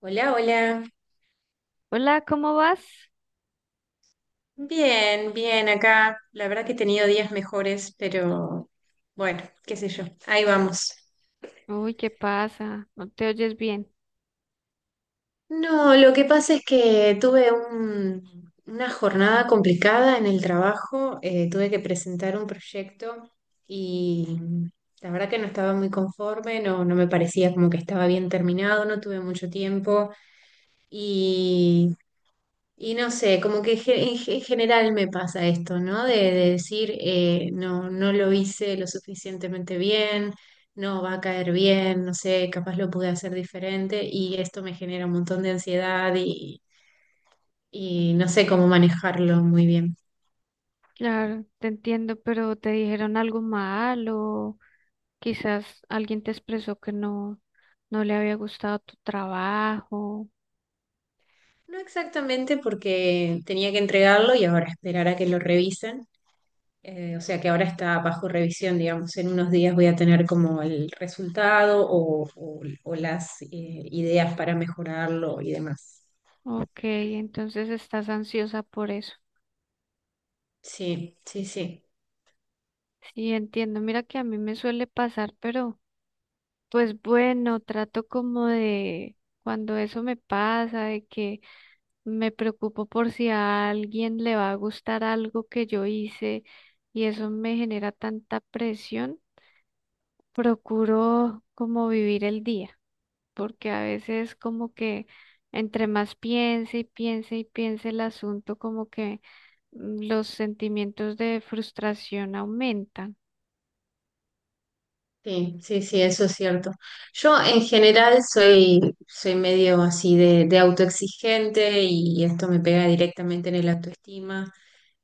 Hola, hola. Hola, ¿cómo vas? Bien, bien acá. La verdad que he tenido días mejores, pero bueno, qué sé yo. Ahí vamos. Uy, ¿qué pasa? No te oyes bien. No, lo que pasa es que tuve una jornada complicada en el trabajo. Tuve que presentar un proyecto y la verdad que no estaba muy conforme, no, no me parecía como que estaba bien terminado, no tuve mucho tiempo. y Y no sé, como que en general me pasa esto, ¿no? De decir, no, no lo hice lo suficientemente bien, no va a caer bien, no sé, capaz lo pude hacer diferente y esto me genera un montón de ansiedad y no sé cómo manejarlo muy bien. Claro, te entiendo, pero te dijeron algo malo. Quizás alguien te expresó que no le había gustado tu trabajo. No exactamente porque tenía que entregarlo y ahora esperar a que lo revisen. O sea que ahora está bajo revisión, digamos. En unos días voy a tener como el resultado o las ideas para mejorarlo y demás. Ok, entonces estás ansiosa por eso. Sí, sí, sí. Sí, entiendo. Mira que a mí me suele pasar, pero pues bueno, trato como de cuando eso me pasa, de que me preocupo por si a alguien le va a gustar algo que yo hice y eso me genera tanta presión. Procuro como vivir el día, porque a veces como que entre más piense y piense y piense el asunto, como que los sentimientos de frustración aumentan. Sí, sí, sí, eso es cierto. Yo en general soy medio así de autoexigente y esto me pega directamente en el autoestima.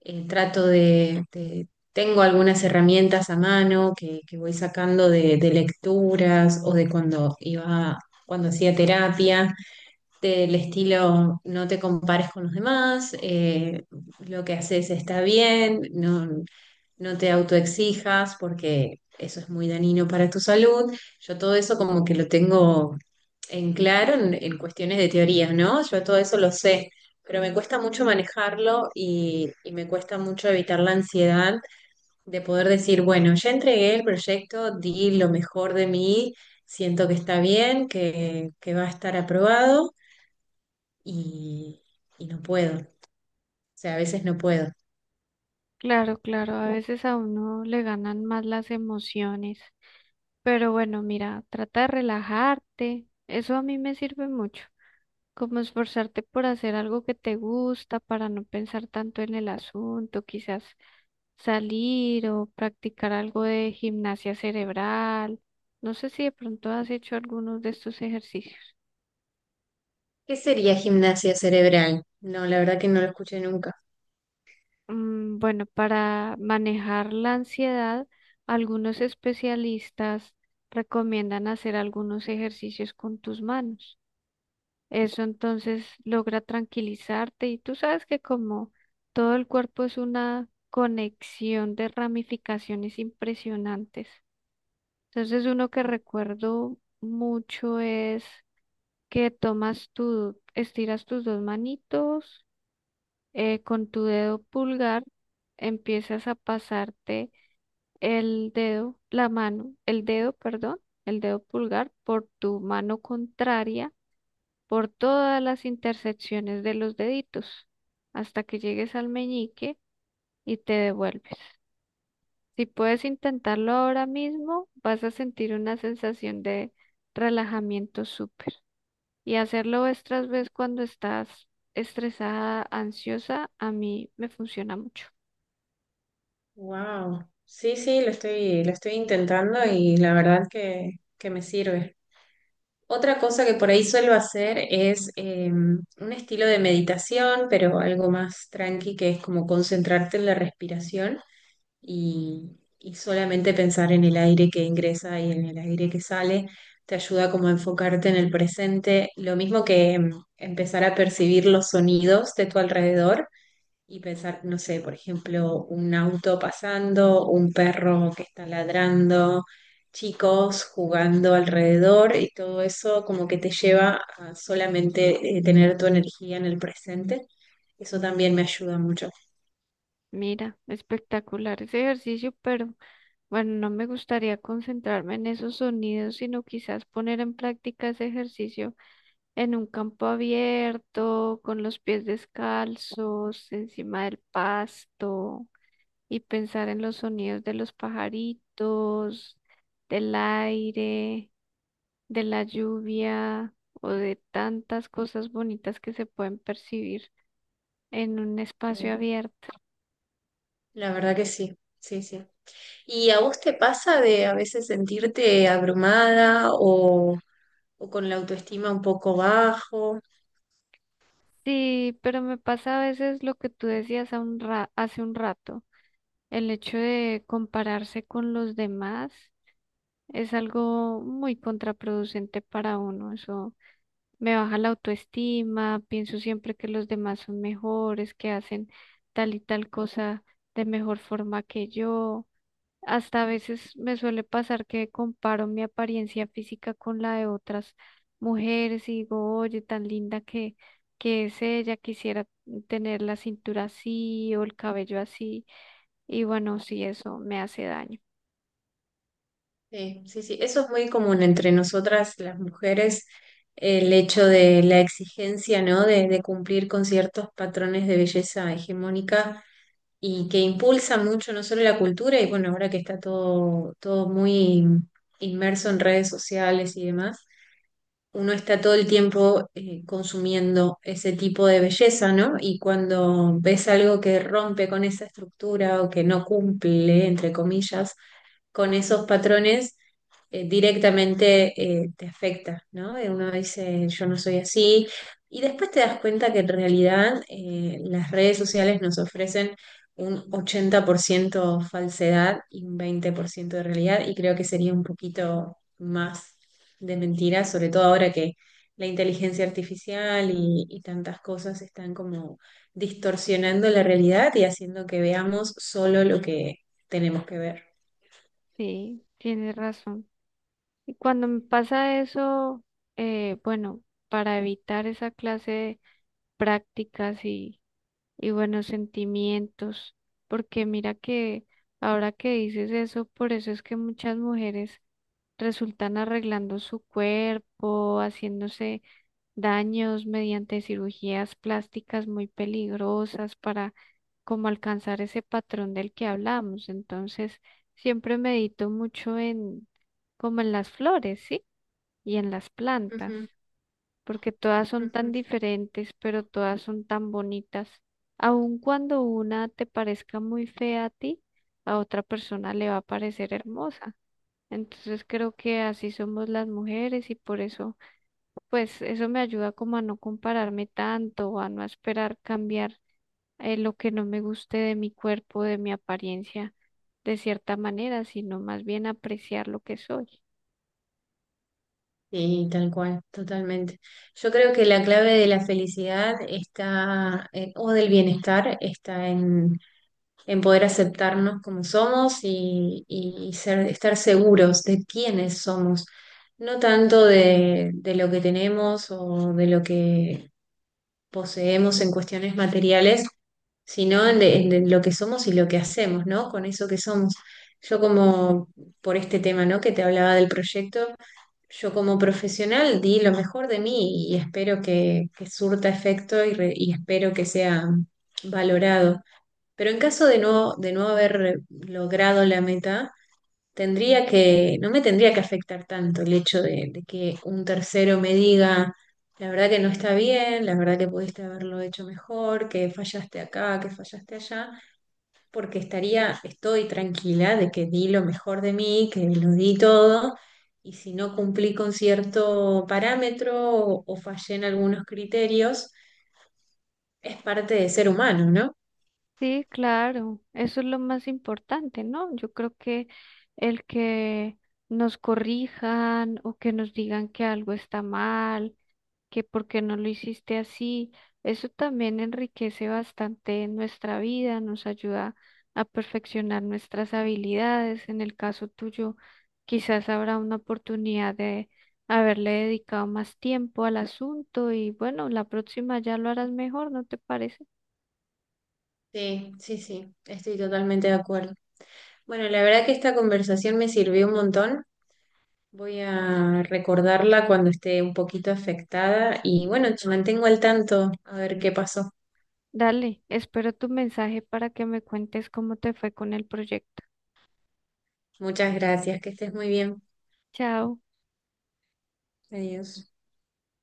Trato tengo algunas herramientas a mano que voy sacando de lecturas o de cuando iba, cuando hacía terapia, del estilo no te compares con los demás, lo que haces está bien, no, no te autoexijas porque eso es muy dañino para tu salud. Yo todo eso como que lo tengo en claro en cuestiones de teorías, ¿no? Yo todo eso lo sé, pero me cuesta mucho manejarlo y me cuesta mucho evitar la ansiedad de poder decir, bueno, ya entregué el proyecto, di lo mejor de mí, siento que está bien, que va a estar aprobado y, y no puedo. O sea, a veces no puedo. Claro, claro, a veces a uno le ganan más las emociones, pero bueno, mira, trata de relajarte, eso a mí me sirve mucho. Como esforzarte por hacer algo que te gusta para no pensar tanto en el asunto, quizás salir o practicar algo de gimnasia cerebral. No sé si de pronto has hecho algunos de estos ejercicios. ¿Qué sería gimnasia cerebral? No, la verdad que no lo escuché nunca. Mm, bueno, para manejar la ansiedad, algunos especialistas recomiendan hacer algunos ejercicios con tus manos. Eso entonces logra tranquilizarte y tú sabes que como todo el cuerpo es una conexión de ramificaciones impresionantes. Entonces uno que recuerdo mucho es que tomas tu, estiras tus dos manitos con tu dedo pulgar, empiezas a pasarte el dedo, la mano, el dedo, perdón, el dedo pulgar por tu mano contraria por todas las intersecciones de los deditos hasta que llegues al meñique y te devuelves. Si puedes intentarlo ahora mismo, vas a sentir una sensación de relajamiento súper. Y hacerlo otras vez cuando estás estresada, ansiosa, a mí me funciona mucho. Wow. Sí, sí, lo estoy intentando y la verdad que me sirve. Otra cosa que por ahí suelo hacer es un estilo de meditación, pero algo más tranqui, que es como concentrarte en la respiración y, y solamente pensar en el aire que ingresa y en el aire que sale. Te ayuda como a enfocarte en el presente, lo mismo que empezar a percibir los sonidos de tu alrededor. Y pensar, no sé, por ejemplo, un auto pasando, un perro que está ladrando, chicos jugando alrededor y todo eso como que te lleva a solamente tener tu energía en el presente. Eso también me ayuda mucho. Mira, espectacular ese ejercicio, pero bueno, no me gustaría concentrarme en esos sonidos, sino quizás poner en práctica ese ejercicio en un campo abierto, con los pies descalzos, encima del pasto, y pensar en los sonidos de los pajaritos, del aire, de la lluvia o de tantas cosas bonitas que se pueden percibir en un espacio Eh, abierto. La verdad que sí, sí, sí. ¿Y a vos te pasa de a veces sentirte abrumada o con la autoestima un poco bajo? Sí, pero me pasa a veces lo que tú decías a un hace un rato, el hecho de compararse con los demás es algo muy contraproducente para uno, eso me baja la autoestima, pienso siempre que los demás son mejores, que hacen tal y tal cosa de mejor forma que yo. Hasta a veces me suele pasar que comparo mi apariencia física con la de otras mujeres y digo, oye, tan linda que es ella, quisiera tener la cintura así o el cabello así. Y bueno, sí, eso me hace daño. Sí, sí, sí, eso es muy común entre nosotras las mujeres, el hecho de la exigencia, ¿no? De cumplir con ciertos patrones de belleza hegemónica y que impulsa mucho no solo la cultura, y bueno, ahora que está todo muy inmerso en redes sociales y demás, uno está todo el tiempo consumiendo ese tipo de belleza, ¿no? Y cuando ves algo que rompe con esa estructura o que no cumple, entre comillas, con esos patrones directamente te afecta, ¿no? Y uno dice, yo no soy así. Y después te das cuenta que en realidad las redes sociales nos ofrecen un 80% falsedad y un 20% de realidad, y creo que sería un poquito más de mentira, sobre todo ahora que la inteligencia artificial y tantas cosas están como distorsionando la realidad y haciendo que veamos solo lo que tenemos que ver. Sí, tienes razón. Y cuando me pasa eso, bueno, para evitar esa clase de prácticas y, y buenos sentimientos, porque mira que ahora que dices eso, por eso es que muchas mujeres resultan arreglando su cuerpo, haciéndose daños mediante cirugías plásticas muy peligrosas para como alcanzar ese patrón del que hablamos. Entonces, siempre medito mucho en como en las flores, ¿sí? Y en las plantas, porque todas son tan Ujú. diferentes, pero todas son tan bonitas. Aun cuando una te parezca muy fea a ti, a otra persona le va a parecer hermosa. Entonces creo que así somos las mujeres y por eso, pues eso me ayuda como a no compararme tanto, o a no esperar cambiar lo que no me guste de mi cuerpo, de mi apariencia de cierta manera, sino más bien apreciar lo que soy. Sí, tal cual, totalmente. Yo creo que la clave de la felicidad está, o del bienestar, está en poder aceptarnos como somos y ser, estar seguros de quiénes somos, no tanto de lo que tenemos o de lo que poseemos en cuestiones materiales, sino en de lo que somos y lo que hacemos, ¿no? Con eso que somos. Yo como por este tema, ¿no? Que te hablaba del proyecto. Yo como profesional di lo mejor de mí y espero que surta efecto y espero que sea valorado. Pero en caso de no haber logrado la meta, no me tendría que afectar tanto el hecho de que un tercero me diga, la verdad que no está bien, la verdad que pudiste haberlo hecho mejor, que fallaste acá, que fallaste allá porque estoy tranquila de que di lo mejor de mí, que lo di todo, y si no cumplí con cierto parámetro o fallé en algunos criterios, es parte de ser humano, ¿no? Sí, claro, eso es lo más importante, ¿no? Yo creo que el que nos corrijan o que nos digan que algo está mal, que por qué no lo hiciste así, eso también enriquece bastante nuestra vida, nos ayuda a perfeccionar nuestras habilidades. En el caso tuyo, quizás habrá una oportunidad de haberle dedicado más tiempo al asunto y bueno, la próxima ya lo harás mejor, ¿no te parece? Sí, sí, sí, estoy totalmente de acuerdo. Bueno, la verdad que esta conversación me sirvió un montón. Voy a recordarla cuando esté un poquito afectada y bueno, te mantengo al tanto a ver qué pasó. Dale, espero tu mensaje para que me cuentes cómo te fue con el proyecto. Muchas gracias, que estés muy bien. Chao. Adiós.